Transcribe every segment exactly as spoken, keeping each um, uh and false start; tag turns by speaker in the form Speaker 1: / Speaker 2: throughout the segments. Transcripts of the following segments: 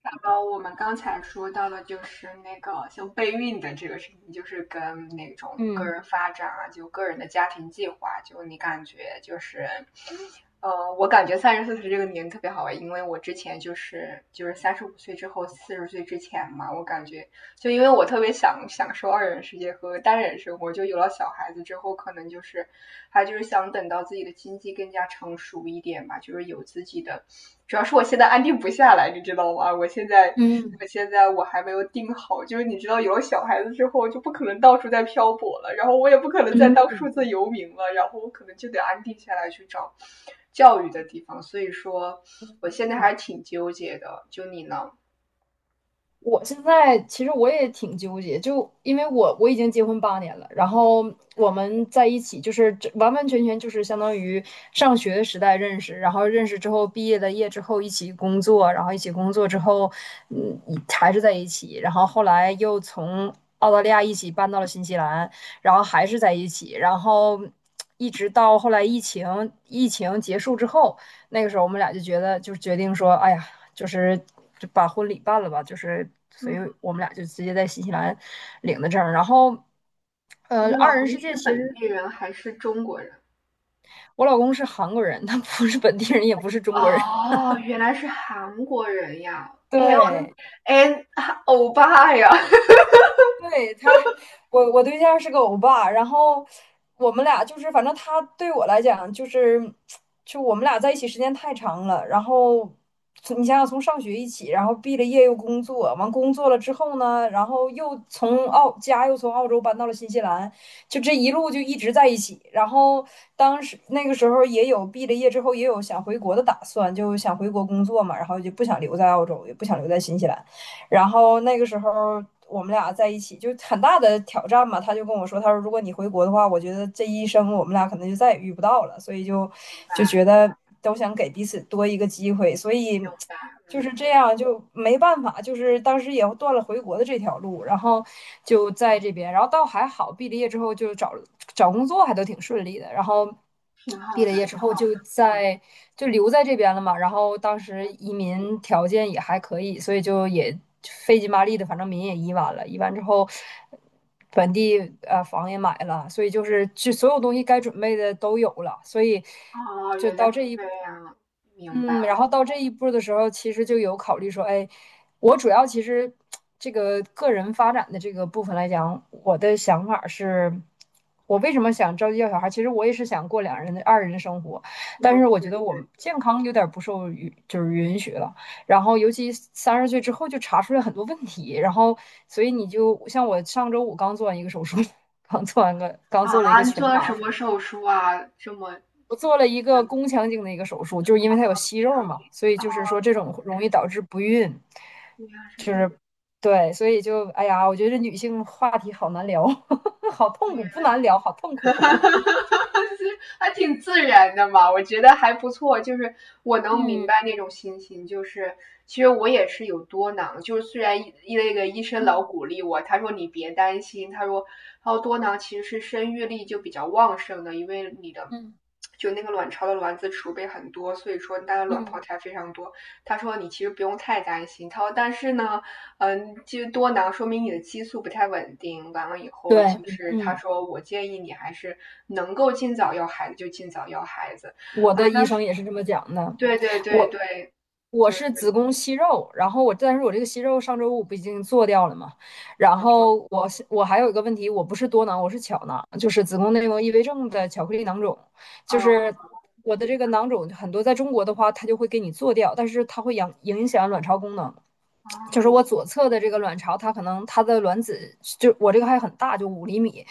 Speaker 1: 然后我们刚才说到的就是那个像备孕的这个事情，就是跟那种个
Speaker 2: 嗯。
Speaker 1: 人发展啊，就个人的家庭计划，就你感觉就是，呃，我感觉三十四岁这个年龄特别好玩，因为我之前就是就是三十五岁之后四十岁之前嘛，我感觉就因为我特别想享受二人世界和单人生活，就有了小孩子之后，可能就是还就是想等到自己的经济更加成熟一点吧，就是有自己的主要是我现在安定不下来，你知道吗？我现在，
Speaker 2: 嗯
Speaker 1: 我现在我还没有定好，就是你知道有了小孩子之后，就不可能到处在漂泊了，然后我也不可能再当
Speaker 2: 嗯
Speaker 1: 数字游民了，然后我可能就得安定下来去找教育的地方。所以说，我现在还挺纠结的。就你呢？
Speaker 2: 我现在其实我也挺纠结，就因为我我已经结婚八年了，然后我们在一起就是这完完全全就是相当于上学时代认识，然后认识之后毕业的业之后一起工作，然后一起工作之后，嗯，还是在一起，然后后来又从澳大利亚一起搬到了新西兰，然后还是在一起，然后一直到后来疫情疫情结束之后，那个时候我们俩就觉得就是决定说，哎呀，就是就把婚礼办了吧，就是所以我们俩就直接在新西兰领的证儿，然后呃，
Speaker 1: 你
Speaker 2: 二
Speaker 1: 老
Speaker 2: 人
Speaker 1: 公
Speaker 2: 世界
Speaker 1: 是
Speaker 2: 其
Speaker 1: 本
Speaker 2: 实。
Speaker 1: 地人还是中国人？
Speaker 2: 我老公是韩国人，他不是本地人，也不是中国人。
Speaker 1: 哦，原来是韩国人呀！哎呦，
Speaker 2: 对。
Speaker 1: 哎，欧巴呀！
Speaker 2: 对他，我我对象是个欧巴，然后我们俩就是，反正他对我来讲就是，就我们俩在一起时间太长了，然后从你想想从上学一起，然后毕了业又工作，完工作了之后呢，然后又从澳家又从澳洲搬到了新西兰，就这一路就一直在一起，然后当时那个时候也有毕了业之后也有想回国的打算，就想回国工作嘛，然后就不想留在澳洲，也不想留在新西兰。然后那个时候我们俩在一起就很大的挑战嘛，他就跟我说，他说如果你回国的话，我觉得这一生我们俩可能就再也遇不到了，所以就
Speaker 1: 明
Speaker 2: 就
Speaker 1: 白，
Speaker 2: 觉得都想给彼此多一个机会，所以
Speaker 1: 明白，
Speaker 2: 就是
Speaker 1: 嗯。
Speaker 2: 这样，就没办法，就是当时也断了回国的这条路，然后就在这边，然后倒还好，毕了业之后就找找工作还都挺顺利的，然后
Speaker 1: 挺好
Speaker 2: 毕了
Speaker 1: 的，
Speaker 2: 业
Speaker 1: 挺
Speaker 2: 之后
Speaker 1: 好
Speaker 2: 就
Speaker 1: 的，嗯。
Speaker 2: 在就留在这边了嘛，然后当时移民条件也还可以，所以就也费劲巴力的，反正民也移完了，移完之后本地呃房也买了，所以就是就所有东西该准备的都有了，所以
Speaker 1: 哦，
Speaker 2: 就
Speaker 1: 原来
Speaker 2: 到这
Speaker 1: 是
Speaker 2: 一
Speaker 1: 这样，明白，
Speaker 2: 嗯，然后到这一步的时候，其实就有考虑说，哎，我主要其实这个个人发展的这个部分来讲，我的想法是，我为什么想着急要小孩儿？其实我也是想过两人的二人生活，
Speaker 1: 嗯。
Speaker 2: 但是我觉
Speaker 1: 对
Speaker 2: 得我们
Speaker 1: 对，
Speaker 2: 健康有点儿不受允，就是允许了。然后尤其三十岁之后就查出来很多问题，然后所以你就像我上周五刚做完一个手术，刚做完个刚
Speaker 1: 啊，
Speaker 2: 做了一个
Speaker 1: 你
Speaker 2: 全
Speaker 1: 做了
Speaker 2: 麻
Speaker 1: 什
Speaker 2: 手
Speaker 1: 么手术啊？这么，
Speaker 2: 我做了一个
Speaker 1: 很
Speaker 2: 宫腔镜的一个手术，就是因为它有息肉
Speaker 1: 长久。
Speaker 2: 嘛，所以
Speaker 1: 哦，
Speaker 2: 就是说这种容易导致不孕，
Speaker 1: 原来是
Speaker 2: 就
Speaker 1: 这样。
Speaker 2: 是对，所以就哎呀，我觉得这女性话题好难聊，好痛苦，不难聊，好痛
Speaker 1: 哈
Speaker 2: 苦。
Speaker 1: 哈哈哈还挺自然的嘛，我觉得还不错。就是我能明
Speaker 2: 嗯，
Speaker 1: 白那种心情，就是其实我也是有多囊，就是虽然医那个医生老
Speaker 2: 嗯，
Speaker 1: 鼓励我，他说你别担心，他说他说多囊其实是生育力就比较旺盛的，因为你的
Speaker 2: 嗯，
Speaker 1: 就那个卵巢的卵子储备很多，所以说它的卵泡
Speaker 2: 嗯，
Speaker 1: 才非常多。他说你其实不用太担心，他说但是呢，嗯，其实多囊说明你的激素不太稳定。完了以后，其
Speaker 2: 对，
Speaker 1: 实他
Speaker 2: 嗯，
Speaker 1: 说我建议你还是能够尽早要孩子就尽早要孩子。
Speaker 2: 我
Speaker 1: 啊，
Speaker 2: 的医
Speaker 1: 当时
Speaker 2: 生也是这么讲的。
Speaker 1: 对对对
Speaker 2: 我
Speaker 1: 对，
Speaker 2: 我
Speaker 1: 就
Speaker 2: 是子
Speaker 1: 是
Speaker 2: 宫息肉，然后我，但是我这个息肉上周五不已经做掉了嘛？然
Speaker 1: 嗯
Speaker 2: 后我是我还有一个问题，我不是多囊，我是巧囊，就是子宫内膜异位症的巧克力囊肿，就
Speaker 1: 啊
Speaker 2: 是我的这个囊肿很多，在中国的话，它就会给你做掉，但是它会影影响卵巢功能。就
Speaker 1: 啊，
Speaker 2: 是我左侧的这个卵巢，它可能它的卵子就我这个还很大，就五厘米。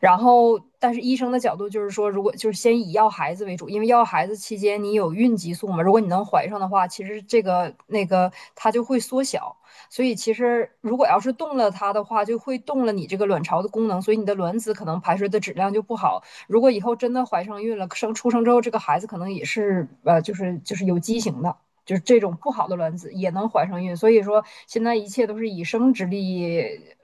Speaker 2: 然后，但是医生的角度就是说，如果就是先以要孩子为主，因为要孩子期间你有孕激素嘛，如果你能怀上的话，其实这个那个它就会缩小。所以其实如果要是动了它的话，就会动了你这个卵巢的功能，所以你的卵子可能排出的质量就不好。如果以后真的怀上孕了，生出生之后这个孩子可能也是呃，就是就是有畸形的。就是这种不好的卵子也能怀上孕，所以说现在一切都是以生殖力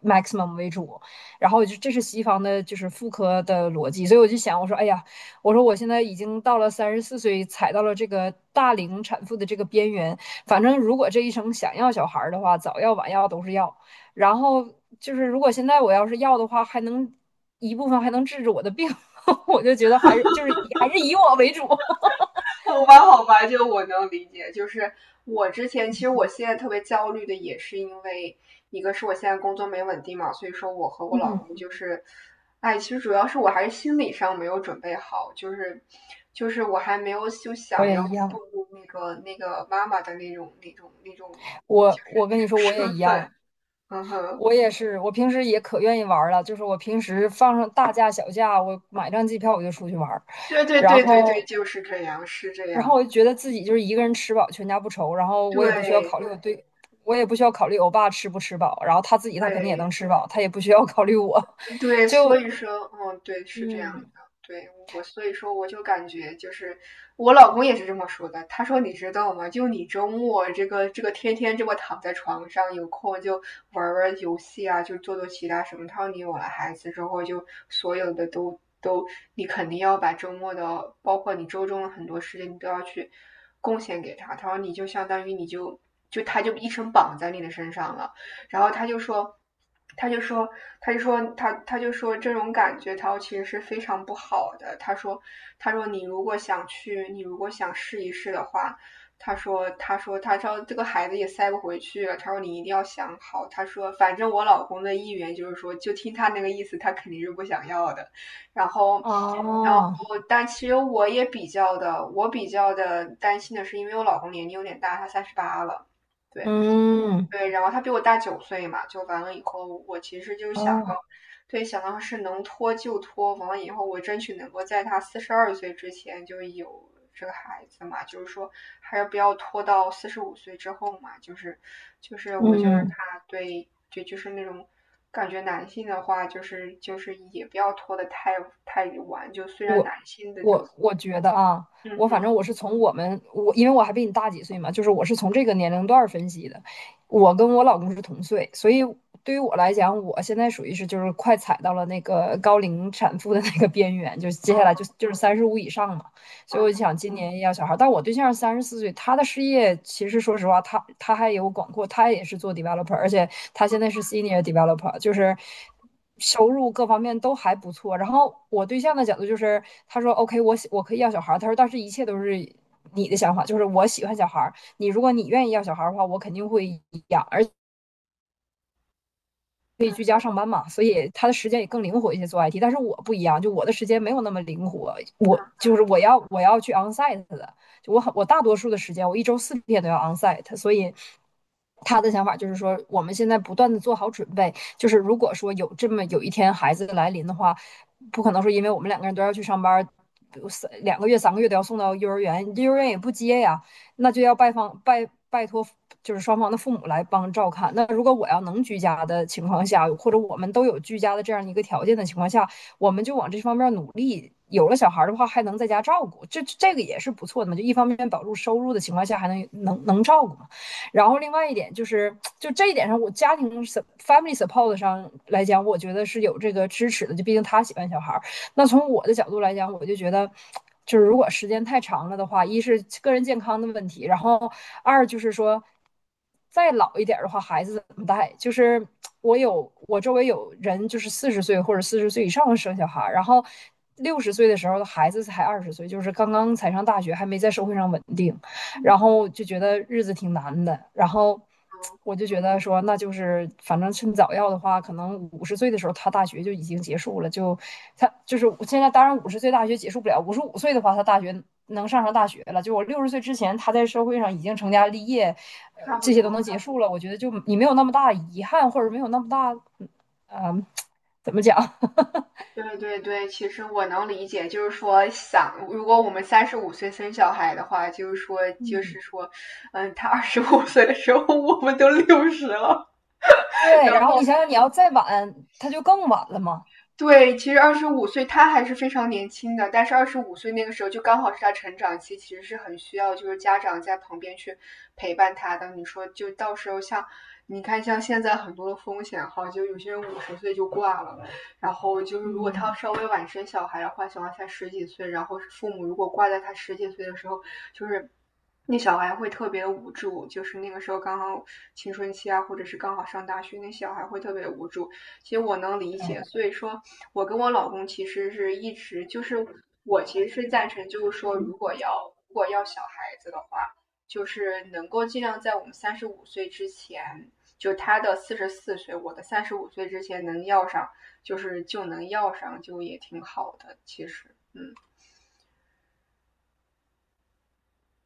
Speaker 2: maximum 为主，然后就这是西方的，就是妇科的逻辑，所以我就想，我说，哎呀，我说我现在已经到了三十四岁，踩到了这个大龄产妇的这个边缘，反正如果这一生想要小孩的话，早要晚要都是要，然后就是如果现在我要是要的话，还能一部分还能治治我的病 我就觉得还是就是还是以我为主
Speaker 1: 好吧，好吧，就我能理解。就是我之前，其实我现在特别焦虑的，也是因为一个是我现在工作没稳定嘛，所以说我和我老
Speaker 2: 嗯，
Speaker 1: 公就是，哎，其实主要是我还是心理上没有准备好，就是就是我还没有就
Speaker 2: 我
Speaker 1: 想
Speaker 2: 也
Speaker 1: 要
Speaker 2: 一
Speaker 1: 步
Speaker 2: 样。
Speaker 1: 入那个那个妈妈的那种那种那种，就
Speaker 2: 我
Speaker 1: 是
Speaker 2: 我
Speaker 1: 那
Speaker 2: 跟你
Speaker 1: 种
Speaker 2: 说，我也
Speaker 1: 身
Speaker 2: 一
Speaker 1: 份。
Speaker 2: 样，
Speaker 1: 嗯哼，
Speaker 2: 我也是，我平时也可愿意玩儿了，就是我平时放上大假小假，我买张机票我就出去玩儿，
Speaker 1: 对对
Speaker 2: 然
Speaker 1: 对对对，
Speaker 2: 后，
Speaker 1: 就是这样，是这
Speaker 2: 然后
Speaker 1: 样，
Speaker 2: 我就觉得自己就是一个人吃饱全家不愁，然后我也不需要
Speaker 1: 对
Speaker 2: 考虑我对，我也不需要考虑我爸吃不吃饱，然后他自己他肯定也能
Speaker 1: 对。
Speaker 2: 吃饱，他也不需要考虑我，
Speaker 1: 对，所
Speaker 2: 就
Speaker 1: 以说，嗯，对，是这样的，
Speaker 2: 嗯，
Speaker 1: 对我，所以说我就感觉就是我老公也是这么说的，他说你知道吗？就你周末这个这个天天这么躺在床上，有空就玩玩游戏啊，就做做其他什么。他说你有了孩子之后，就所有的都都，你肯定要把周末的，包括你周中的很多时间，你都要去贡献给他。他说你就相当于你就就他就一生绑在你的身上了。然后他就说，他就说，他就说，他他就说这种感觉他其实是非常不好的。他说，他说你如果想去，你如果想试一试的话，他说，他说，他说这个孩子也塞不回去了。他说你一定要想好。他说，反正我老公的意愿就是说，就听他那个意思，他肯定是不想要的。然后。然后，
Speaker 2: 啊，
Speaker 1: 但其实我也比较的，我比较的担心的是，因为我老公年龄有点大，他三十八了，对。
Speaker 2: 嗯，
Speaker 1: 对，然后他比我大九岁嘛，就完了以后，我其实就想到，
Speaker 2: 啊，
Speaker 1: 对，想到是能拖就拖，完了以后我争取能够在他四十二岁之前就有这个孩子嘛，就是说还是不要拖到四十五岁之后嘛，就是就是我就是
Speaker 2: 嗯。
Speaker 1: 怕对，就就是那种感觉男性的话，就是就是也不要拖得太太晚，就虽然
Speaker 2: 我
Speaker 1: 男性的就
Speaker 2: 我我觉得啊，
Speaker 1: 嗯
Speaker 2: 我反
Speaker 1: 哼
Speaker 2: 正我是从我们我，因为我还比你大几岁嘛，就是我是从这个年龄段儿分析的。我跟我老公是同岁，所以对于我来讲，我现在属于是就是快踩到了那个高龄产妇的那个边缘，就是接下来就
Speaker 1: 嗯
Speaker 2: 就是三十五以上嘛。所以我就
Speaker 1: 嗯
Speaker 2: 想今年要小孩儿，但我对象三十四岁，他的事业其实说实话，他他还有广阔，他也是做 developer，而且他现在是 senior developer，就是。收入各方面都还不错。然后我对象的角度就是，他说 OK，我我可以要小孩。他说但是一切都是你的想法，就是我喜欢小孩，你如果你愿意要小孩的话，我肯定会养，而可以
Speaker 1: 嗯
Speaker 2: 居家上班嘛，所以他的时间也更灵活一些做 I T。但是我不一样，就我的时间没有那么灵活，我就是我要我要去 onsite 的，就我很我大多数的时间我一周四天都要 onsite，所以。他的想法就是说，我们现在不断的做好准备，就是如果说有这么有一天孩子来临的话，不可能说因为我们两个人都要去上班，三两个月、三个月都要送到幼儿园，幼儿园也不接呀，那就要拜访拜拜托，就是双方的父母来帮照看。那如果我要能居家的情况下，或者我们都有居家的这样一个条件的情况下，我们就往这方面努力。有了小孩的话，还能在家照顾，这这个也是不错的嘛。就一方面保住收入的情况下，还能能能照顾嘛。然后另外一点就是，就这一点上，我家庭 family support 上来讲，我觉得是有这个支持的。就毕竟他喜欢小孩，那从我的角度来讲，我就觉得。就是如果时间太长了的话，一是个人健康的问题，然后二就是说，再老一点的话，孩子怎么带？就是我有我周围有人，就是四十岁或者四十岁以上生小孩，然后六十岁的时候孩子才二十岁，就是刚刚才上大学，还没在社会上稳定。
Speaker 1: 嗯，
Speaker 2: 然后就觉得日子挺难的，然后我就觉得说，那就是反正趁早要的话，可能五十岁的时候他大学就已经结束了，就他就是我现在当然五十岁大学结束不了，五十五岁的话他大学能上上大学了，就我六十岁之前他在社会上已经成家立业，呃，
Speaker 1: 差不
Speaker 2: 这
Speaker 1: 多。
Speaker 2: 些都能结束了，我觉得就你没有那么大遗憾，或者没有那么大，嗯、呃，怎么讲
Speaker 1: 对对对，其实我能理解，就是说想，如果我们三十五岁生小孩的话，就是说，就
Speaker 2: 嗯，
Speaker 1: 是说，嗯，他二十五岁的时候，我们都六十了，
Speaker 2: 对，
Speaker 1: 然
Speaker 2: 然后
Speaker 1: 后
Speaker 2: 你想想你要再晚，他就更晚了嘛，
Speaker 1: 对，其实二十五岁他还是非常年轻的，但是二十五岁那个时候就刚好是他成长期，其实是很需要就是家长在旁边去陪伴他的。你说就到时候像你看像现在很多的风险哈，就有些人五十岁就挂了，然后就是如果他
Speaker 2: 嗯，
Speaker 1: 稍微晚生小孩的话，小孩才十几岁，然后父母如果挂在他十几岁的时候，就是那小孩会特别无助，就是那个时候刚好青春期啊，或者是刚好上大学，那小孩会特别无助。其实我能理
Speaker 2: 对。
Speaker 1: 解，所以说我跟我老公其实是一直就是我其实是赞成，就是说
Speaker 2: 嗯。
Speaker 1: 如果要如果要小孩子的话，就是能够尽量在我们三十五岁之前，就他的四十四岁，我的三十五岁之前能要上，就是就能要上，就也挺好的，其实，嗯。